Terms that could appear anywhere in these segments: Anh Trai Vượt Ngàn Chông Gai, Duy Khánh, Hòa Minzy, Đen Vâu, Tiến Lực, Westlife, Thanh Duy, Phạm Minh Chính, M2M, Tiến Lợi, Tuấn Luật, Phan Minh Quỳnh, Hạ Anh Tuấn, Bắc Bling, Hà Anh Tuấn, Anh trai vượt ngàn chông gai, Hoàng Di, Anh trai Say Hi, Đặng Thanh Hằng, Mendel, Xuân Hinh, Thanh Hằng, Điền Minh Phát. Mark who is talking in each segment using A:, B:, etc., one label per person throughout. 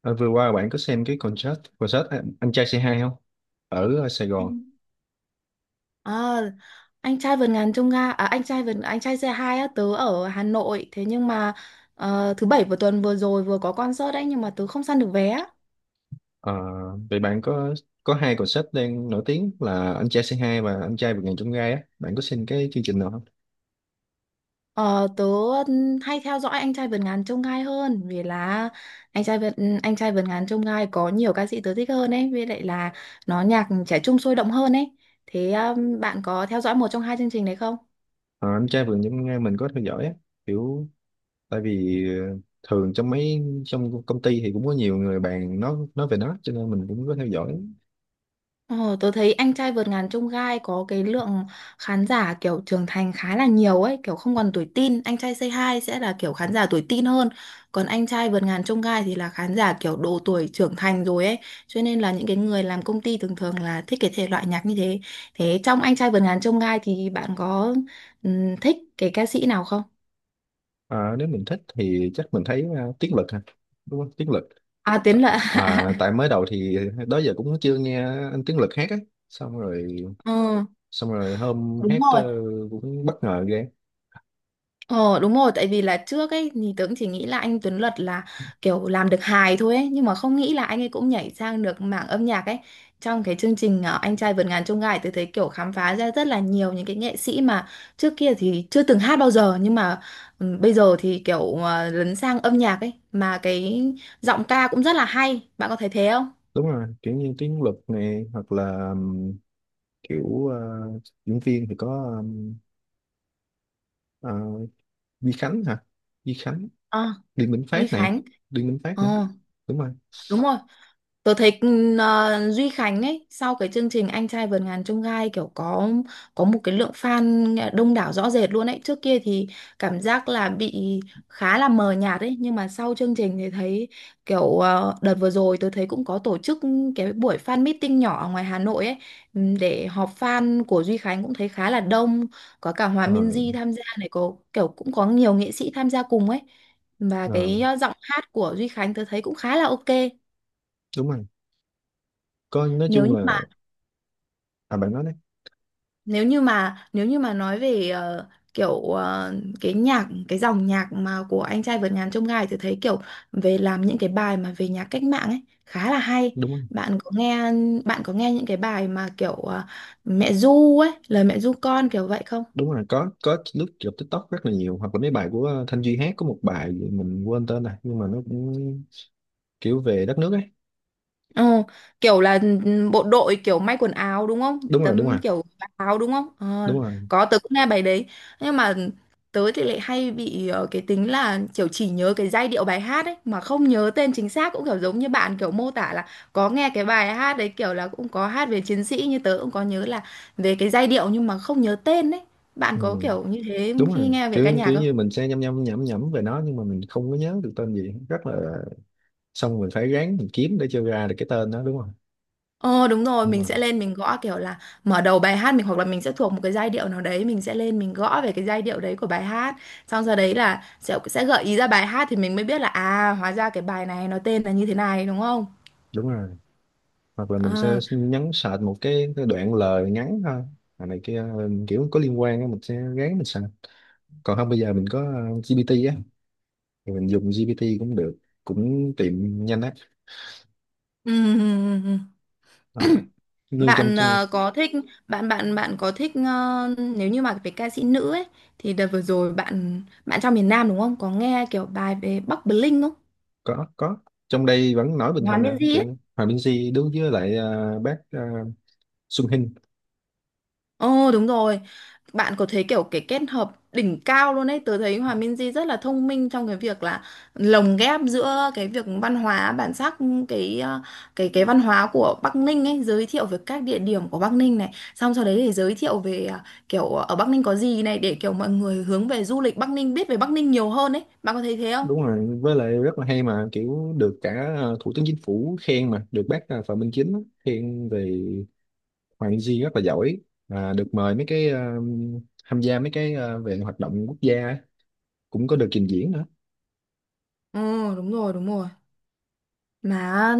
A: Ờ, Vừa qua bạn có xem cái concert concert Anh Trai c hai không? Sài Gòn.
B: À, anh trai vượt ngàn chông gai à, anh trai xe hai á, tớ ở Hà Nội thế nhưng mà thứ bảy vừa tuần vừa rồi vừa có concert đấy nhưng mà tớ không săn được vé á.
A: Ờ, Vậy bạn có hai concert đang nổi tiếng là Anh Trai c hai và Anh Trai Vượt Ngàn Chông Gai á. Bạn có xem cái chương trình nào không?
B: Ờ, tớ hay theo dõi anh trai vượt ngàn chông gai hơn vì là anh trai vượt anh trai vượt ngàn chông gai có nhiều ca sĩ tớ thích hơn ấy, với lại là nó nhạc trẻ trung sôi động hơn ấy. Thế bạn có theo dõi một trong hai chương trình đấy không?
A: Ờ, Anh Trai Vượt Ngàn Chông Gai mình có theo dõi á. Kiểu tại vì, thường trong công ty thì cũng có nhiều người bạn nói về nó, cho nên mình cũng có theo dõi.
B: Ờ, tớ thấy anh trai vượt ngàn chông gai có cái lượng khán giả kiểu trưởng thành khá là nhiều ấy, kiểu không còn tuổi teen, anh trai Say Hi sẽ là kiểu khán giả tuổi teen hơn, còn anh trai vượt ngàn chông gai thì là khán giả kiểu độ tuổi trưởng thành rồi ấy, cho nên là những cái người làm công ty thường thường là thích cái thể loại nhạc như thế. Thế trong anh trai vượt ngàn chông gai thì bạn có thích cái ca sĩ nào không?
A: Ờ, Nếu mình thích thì chắc mình thấy Tiến Lực ha. Đúng không? Tiến Lực.
B: À, Tiến
A: Tạ-
B: Lợi.
A: À, tại mới đầu thì đó giờ cũng chưa nghe anh Tiến Lực hát á, xong rồi
B: Ờ,
A: xong rồi hôm
B: đúng
A: hát,
B: rồi.
A: cũng bất ngờ ghê.
B: Ờ, đúng rồi, tại vì là trước ấy thì tớ cũng chỉ nghĩ là anh Tuấn Luật là kiểu làm được hài thôi ấy, nhưng mà không nghĩ là anh ấy cũng nhảy sang được mảng âm nhạc ấy. Trong cái chương trình Anh trai vượt ngàn chông gai tớ thấy kiểu khám phá ra rất là nhiều những cái nghệ sĩ mà trước kia thì chưa từng hát bao giờ, nhưng mà bây giờ thì kiểu lấn sang âm nhạc ấy, mà cái giọng ca cũng rất là hay. Bạn có thấy thế không?
A: Đúng rồi, kiểu như tiếng luật này, hoặc là kiểu diễn viên thì có ờ, Duy Khánh hả? Duy Khánh.
B: Ờ,
A: Điền Minh
B: Duy
A: Phát nè.
B: Khánh.
A: Điền Minh Phát nữa.
B: Ờ,
A: Đúng rồi.
B: đúng rồi. Tớ thấy Duy Khánh ấy sau cái chương trình Anh trai vượt ngàn chông gai kiểu có một cái lượng fan đông đảo rõ rệt luôn ấy. Trước kia thì cảm giác là bị khá là mờ nhạt ấy, nhưng mà sau chương trình thì thấy kiểu đợt vừa rồi tôi thấy cũng có tổ chức cái buổi fan meeting nhỏ ở ngoài Hà Nội ấy, để họp fan của Duy Khánh cũng thấy khá là đông, có cả Hòa
A: Ờ,
B: Minzy tham gia này, có kiểu cũng có nhiều nghệ sĩ tham gia cùng ấy. Và
A: ờ,
B: cái giọng hát của Duy Khánh tôi thấy cũng khá là ok.
A: Đúng rồi. Có, nói
B: nếu
A: chung
B: như mà
A: là, à, bạn nói đấy.
B: Nếu như mà nói về kiểu cái dòng nhạc mà của anh trai vượt ngàn chông gai thì thấy kiểu về làm những cái bài mà về nhạc cách mạng ấy khá là hay.
A: Đúng rồi,
B: bạn có nghe Bạn có nghe những cái bài mà kiểu mẹ ru ấy, lời mẹ ru con kiểu vậy không?
A: đúng rồi. Có lướt trên TikTok rất là nhiều, hoặc là mấy bài của Thanh Duy hát, có một bài mình quên tên này nhưng mà nó cũng kiểu về đất nước ấy.
B: Ồ, kiểu là bộ đội kiểu may quần áo đúng không?
A: Đúng rồi. Đúng rồi.
B: Tấm kiểu áo đúng không? Ờ,
A: Đúng rồi.
B: có, tớ cũng nghe bài đấy. Nhưng mà tớ thì lại hay bị cái tính là kiểu chỉ nhớ cái giai điệu bài hát ấy mà không nhớ tên chính xác, cũng kiểu giống như bạn kiểu mô tả là có nghe cái bài hát đấy kiểu là cũng có hát về chiến sĩ, như tớ cũng có nhớ là về cái giai điệu nhưng mà không nhớ tên ấy. Bạn
A: Ừ.
B: có kiểu như thế
A: Đúng
B: khi
A: rồi,
B: nghe về
A: kiểu
B: ca nhạc
A: kiểu
B: không?
A: như mình sẽ nhăm nhăm nhẩm nhẩm về nó nhưng mà mình không có nhớ được tên gì, rất là... xong mình phải ráng mình kiếm để cho ra được cái tên đó, đúng không?
B: Ờ, đúng rồi,
A: Đúng
B: mình
A: rồi,
B: sẽ lên mình gõ kiểu là mở đầu bài hát, mình hoặc là mình sẽ thuộc một cái giai điệu nào đấy, mình sẽ lên mình gõ về cái giai điệu đấy của bài hát. Xong sau đấy là sẽ gợi ý ra bài hát, thì mình mới biết là à, hóa ra cái bài này nó tên là như thế này đúng không?
A: đúng rồi. Hoặc là mình sẽ
B: Ờ.
A: nhấn search một cái đoạn lời ngắn thôi, à, này kia, kiểu có liên quan á, mình sẽ ráng mình search. Còn không, bây giờ mình có GPT á, thì mình dùng GPT cũng được, cũng tìm nhanh á.
B: ừm,
A: Ờ, như trong
B: Bạn
A: chương-
B: ờ, có thích bạn bạn bạn có thích nếu như mà về ca sĩ nữ ấy thì đợt vừa rồi bạn bạn trong miền Nam đúng không? Có nghe kiểu bài về Bắc Bling không?
A: có, có. Trong đây vẫn nói bình
B: Hòa
A: thường à,
B: Minzy ấy.
A: kiểu Hòa Minzy đứng với lại bác Xuân Hinh.
B: Ồ, đúng rồi. Bạn có thấy kiểu cái kết hợp đỉnh cao luôn ấy. Tớ thấy Hòa Minzy rất là thông minh trong cái việc là lồng ghép giữa cái việc văn hóa bản sắc, cái cái văn hóa của Bắc Ninh ấy, giới thiệu về các địa điểm của Bắc Ninh này, xong sau đấy thì giới thiệu về kiểu ở Bắc Ninh có gì này, để kiểu mọi người hướng về du lịch Bắc Ninh, biết về Bắc Ninh nhiều hơn ấy. Bạn có thấy thế không?
A: Đúng rồi, với lại rất là hay mà, kiểu được cả thủ tướng chính phủ khen mà, được bác Phạm Minh Chính á, khen về Hoàng Di rất là giỏi. À, được mời mấy cái tham gia mấy cái về hoạt động quốc gia á, cũng có được trình diễn nữa.
B: Ừ, đúng rồi, đúng rồi mà.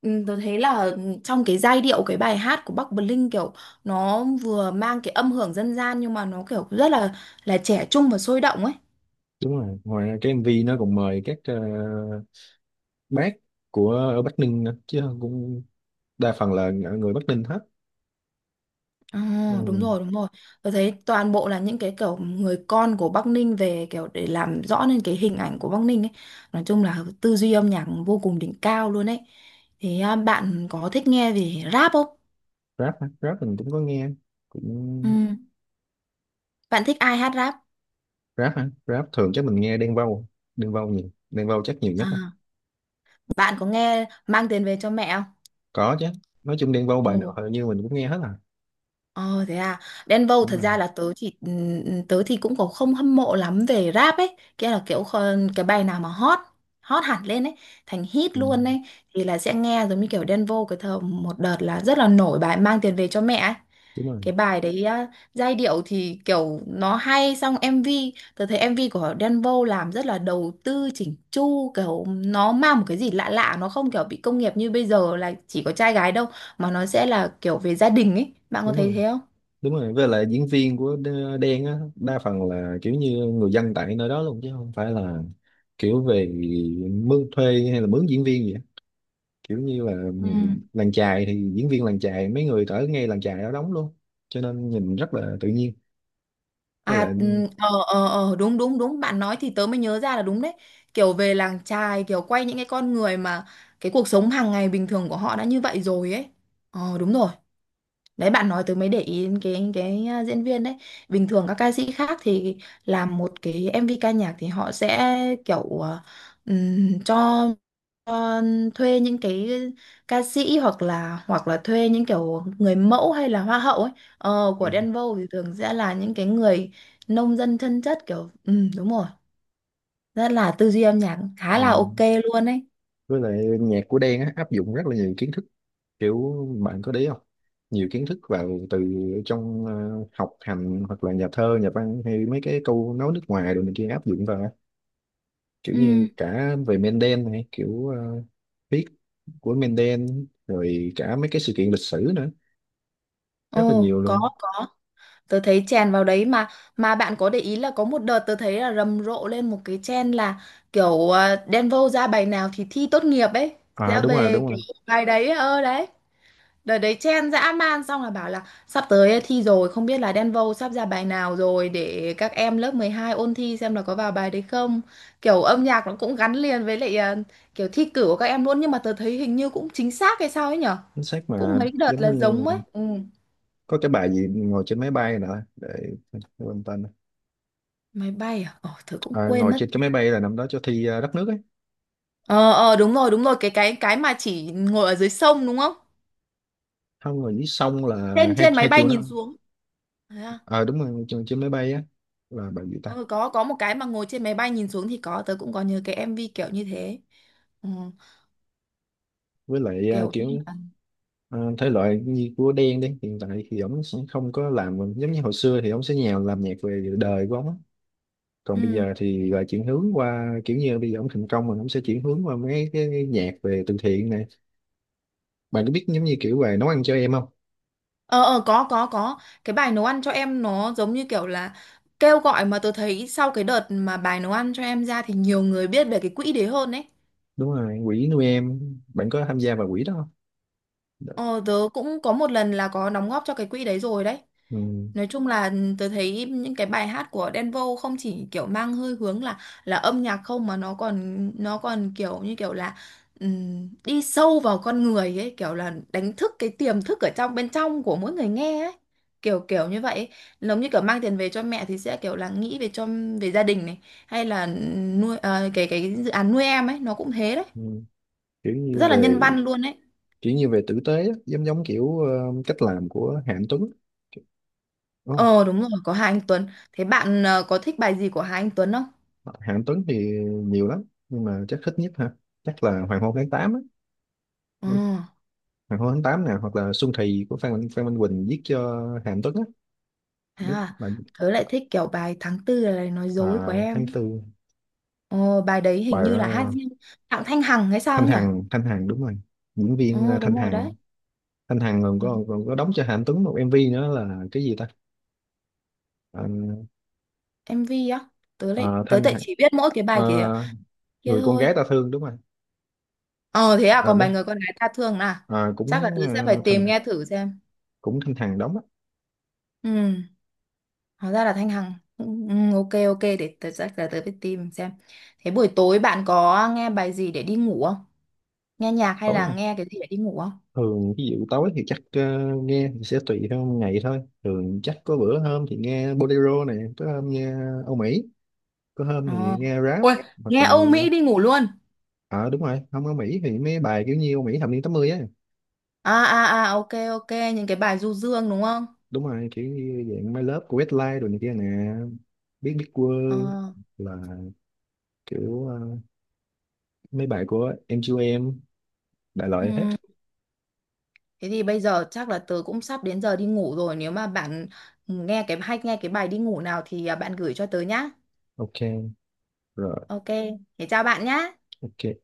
B: Ừ, tôi thấy là trong cái giai điệu cái bài hát của Bắc Bling kiểu nó vừa mang cái âm hưởng dân gian nhưng mà nó kiểu rất là trẻ trung và sôi động ấy.
A: Đúng rồi, ngoài ra cái MV nó còn mời các bác của ở Bắc Ninh nữa chứ, cũng đa phần là người Bắc Ninh hết.
B: Ờ, đúng
A: Ừ.
B: rồi, đúng rồi. Tôi thấy toàn bộ là những cái kiểu người con của Bắc Ninh về kiểu để làm rõ nên cái hình ảnh của Bắc Ninh ấy. Nói chung là tư duy âm nhạc vô cùng đỉnh cao luôn ấy. Thế à, bạn có thích nghe về rap không?
A: Rap hả? Rap mình cũng có nghe,
B: Ừ.
A: cũng...
B: Bạn thích ai hát rap?
A: Rap hả? Rap thường chắc mình nghe Đen Vâu. Đen Vâu nhiều, Đen Vâu chắc nhiều nhất.
B: À, bạn có nghe Mang tiền về cho mẹ không?
A: Có chứ, nói chung Đen Vâu bài nào
B: Ồ.
A: hầu như mình cũng nghe hết à.
B: Ờ, thế à, Đen Vâu
A: Đúng
B: thật
A: rồi.
B: ra là tớ thì cũng có không hâm mộ lắm về rap ấy, kia là kiểu cái bài nào mà hot hot hẳn lên ấy, thành hit
A: Ừ,
B: luôn ấy thì là sẽ nghe, giống như kiểu Đen Vâu cái thời một đợt là rất là nổi bài mang tiền về cho mẹ ấy.
A: đúng rồi.
B: Cái bài đấy á, giai điệu thì kiểu nó hay, xong MV, tớ thấy MV của Đen Vâu làm rất là đầu tư chỉnh chu, kiểu nó mang một cái gì lạ lạ, nó không kiểu bị công nghiệp như bây giờ là chỉ có trai gái đâu, mà nó sẽ là kiểu về gia đình ấy. Bạn có
A: Đúng
B: thấy
A: rồi.
B: thế không?
A: Đúng rồi. Với lại diễn viên của Đen á đa phần là kiểu như người dân tại nơi đó luôn, chứ không phải là kiểu về mướn thuê, hay là mướn diễn viên gì á, kiểu như là, ừ,
B: Ừ.
A: làng chài thì diễn viên làng chài mấy người ở ngay làng chài đó đóng luôn, cho nên nhìn rất là tự nhiên. Với lại
B: À, đúng, đúng, đúng, bạn nói thì tớ mới nhớ ra là đúng đấy. Kiểu về làng chài, kiểu quay những cái con người mà cái cuộc sống hàng ngày bình thường của họ đã như vậy rồi ấy. Ờ, đúng rồi. Đấy, bạn nói tớ mới để ý đến diễn viên đấy. Bình thường các ca sĩ khác thì làm một cái MV ca nhạc thì họ sẽ kiểu à, cho ờ, thuê những cái ca sĩ, hoặc là thuê những kiểu người mẫu hay là hoa hậu ấy,
A: ừ,
B: của
A: ừ,
B: Denver thì thường sẽ là những cái người nông dân chân chất kiểu ừ, đúng rồi, rất là tư duy âm nhạc khá
A: ừ.
B: là ok luôn ấy.
A: Với lại nhạc của Đen á áp dụng rất là nhiều kiến thức, kiểu... bạn có đấy không? Nhiều kiến thức vào, từ trong học hành, hoặc là nhà thơ nhà văn, hay mấy cái câu nói nước ngoài rồi này kia, áp dụng vào á. Kiểu như
B: Ừ.
A: cả về Mendel này, kiểu viết của Mendel, rồi cả mấy cái sự kiện lịch sử nữa, rất là
B: Ồ,
A: nhiều luôn.
B: có, tớ thấy chèn vào đấy mà. Mà bạn có để ý là có một đợt tớ thấy là rầm rộ lên một cái trend là kiểu Đen ra bài nào thì thi tốt nghiệp ấy,
A: À
B: sẽ
A: đúng rồi,
B: về
A: đúng
B: kiểu
A: rồi,
B: bài đấy, ơ đấy. Đợt đấy chen dã man, xong là bảo là sắp tới thi rồi không biết là Denvo sắp ra bài nào rồi, để các em lớp 12 ôn thi xem là có vào bài đấy không. Kiểu âm nhạc nó cũng gắn liền với lại kiểu thi cử của các em luôn, nhưng mà tớ thấy hình như cũng chính xác hay sao ấy nhở?
A: chính xác
B: Cũng
A: mà.
B: mấy đợt
A: Giống
B: là
A: như
B: giống ấy. Ừ.
A: có cái bài gì ngồi trên máy bay nữa, để... quên tên.
B: Máy bay à? Ồ, tớ cũng
A: À,
B: quên
A: ngồi
B: mất.
A: trên cái máy bay là năm đó cho thi đất nước á,
B: Ờ, ờ, đúng rồi, cái mà chỉ ngồi ở dưới sông đúng không?
A: không rồi, xong là
B: Trên,
A: hai
B: trên máy
A: hai
B: bay
A: triệu nữa.
B: nhìn xuống. Thế à?
A: Ờ đúng rồi, trên máy bay á, là bao nhiêu ta.
B: Ừ, có một cái mà ngồi trên máy bay nhìn xuống thì có, tớ cũng có nhớ cái MV kiểu như thế. Ừ.
A: Với lại à,
B: Kiểu như
A: kiểu,
B: là
A: à, thể loại như của Đen đấy, hiện tại thì ổng sẽ không có làm giống như hồi xưa, thì ổng sẽ nhào làm nhạc về đời của ổng á. Còn bây
B: ừ.
A: giờ thì là chuyển hướng qua, kiểu như bây giờ ổng thành công rồi, ổng sẽ chuyển hướng qua mấy cái nhạc về từ thiện này. Bạn có biết giống như kiểu về nấu ăn cho em không?
B: Ờ có cái bài nấu ăn cho em nó giống như kiểu là kêu gọi, mà tôi thấy sau cái đợt mà bài nấu ăn cho em ra thì nhiều người biết về cái quỹ đấy hơn ấy.
A: Đúng rồi, quỹ nuôi em. Bạn có tham gia vào quỹ đó không? Đ-
B: Ờ, tớ cũng có một lần là có đóng góp cho cái quỹ đấy rồi đấy.
A: ừ.
B: Nói chung là ừ, tớ thấy những cái bài hát của Đen Vâu không chỉ kiểu mang hơi hướng là âm nhạc không, mà nó còn kiểu như kiểu là đi sâu vào con người ấy, kiểu là đánh thức cái tiềm thức ở trong bên trong của mỗi người nghe ấy. Kiểu kiểu như vậy ấy. Giống như kiểu mang tiền về cho mẹ thì sẽ kiểu là nghĩ về cho về gia đình này, hay là nuôi cái dự án nuôi em ấy nó cũng thế đấy.
A: Ừ. kiểu như
B: Rất là nhân
A: về
B: văn luôn ấy.
A: kiểu như về tử tế á, giống giống kiểu cách làm của Hạ Anh Tuấn. Oh,
B: Ờ, đúng rồi, có Hà Anh Tuấn. Thế bạn có thích bài gì của Hà Anh Tuấn không?
A: Hạ Anh Tuấn thì nhiều lắm, nhưng mà chắc thích nhất ha, chắc là Hoàng hôn tháng 8 á.
B: Ờ,
A: Hoàng hôn tháng 8 nè, hoặc là Xuân Thì của Phan Phan Minh Quỳnh viết cho Hạ Anh Tuấn á,
B: thế
A: biết
B: à.
A: bạn.
B: Tớ lại thích kiểu bài tháng tư là lời nói dối của
A: À,
B: em
A: tháng
B: ấy.
A: tư.
B: Ờ, bài đấy hình
A: bài
B: như là hát
A: ờ,
B: riêng Đặng Thanh Hằng hay sao
A: Thanh
B: ấy nhỉ?
A: Hằng, Thanh Hằng, đúng rồi, diễn viên
B: Ờ,
A: Thanh
B: đúng rồi đấy.
A: Hằng. Thanh Hằng
B: Đúng.
A: còn có đóng cho Hạ Anh Tuấn một MV nữa là cái gì ta. Ờ,
B: MV á. Tớ lại
A: ờ,
B: tớ
A: Thanh
B: lại
A: Hằng.
B: chỉ biết mỗi cái
A: Ờ,
B: bài kia kia
A: người con gái
B: thôi.
A: ta thương, đúng rồi.
B: Ờ, thế à,
A: Ờ,
B: còn
A: biết.
B: bài người con gái ta thương à?
A: Ờ,
B: Chắc là
A: cũng
B: tớ
A: ờ,
B: sẽ phải
A: thành
B: tìm nghe thử xem.
A: cũng căng thẳng lắm á.
B: Ừ, hóa ra là Thanh Hằng. Ừ, ừ, ok, ok, để tớ chắc là tớ phải tìm xem. Thế buổi tối bạn có nghe bài gì để đi ngủ không? Nghe nhạc hay
A: Tối
B: là
A: à?
B: nghe cái gì để đi ngủ không?
A: Thường ví dụ tối thì chắc, nghe thì sẽ tùy theo ngày thôi. Thường chắc có bữa hôm thì nghe bolero này, có hôm nghe Âu Mỹ, có hôm thì
B: Ờ.
A: nghe rap,
B: Ôi,
A: hoặc
B: nghe
A: là...
B: Âu Mỹ đi ngủ luôn.
A: ờ đúng rồi, không Âu Mỹ thì mấy bài kiểu như Âu Mỹ thập niên 80 á.
B: À, à, à, ok, ok, những cái bài du dương đúng không?
A: Đúng rồi, kiểu như dạng My Love của Westlife rồi này kia nè, biết,
B: Ờ.
A: World, là kiểu mấy bài của M2M, đại loại hết.
B: Ừ. Thế thì bây giờ chắc là tớ cũng sắp đến giờ đi ngủ rồi, nếu mà bạn nghe cái hay, nghe cái bài đi ngủ nào thì à, bạn gửi cho tớ nhá.
A: Ok, rồi,
B: Ok. Thế chào bạn nhá.
A: ok.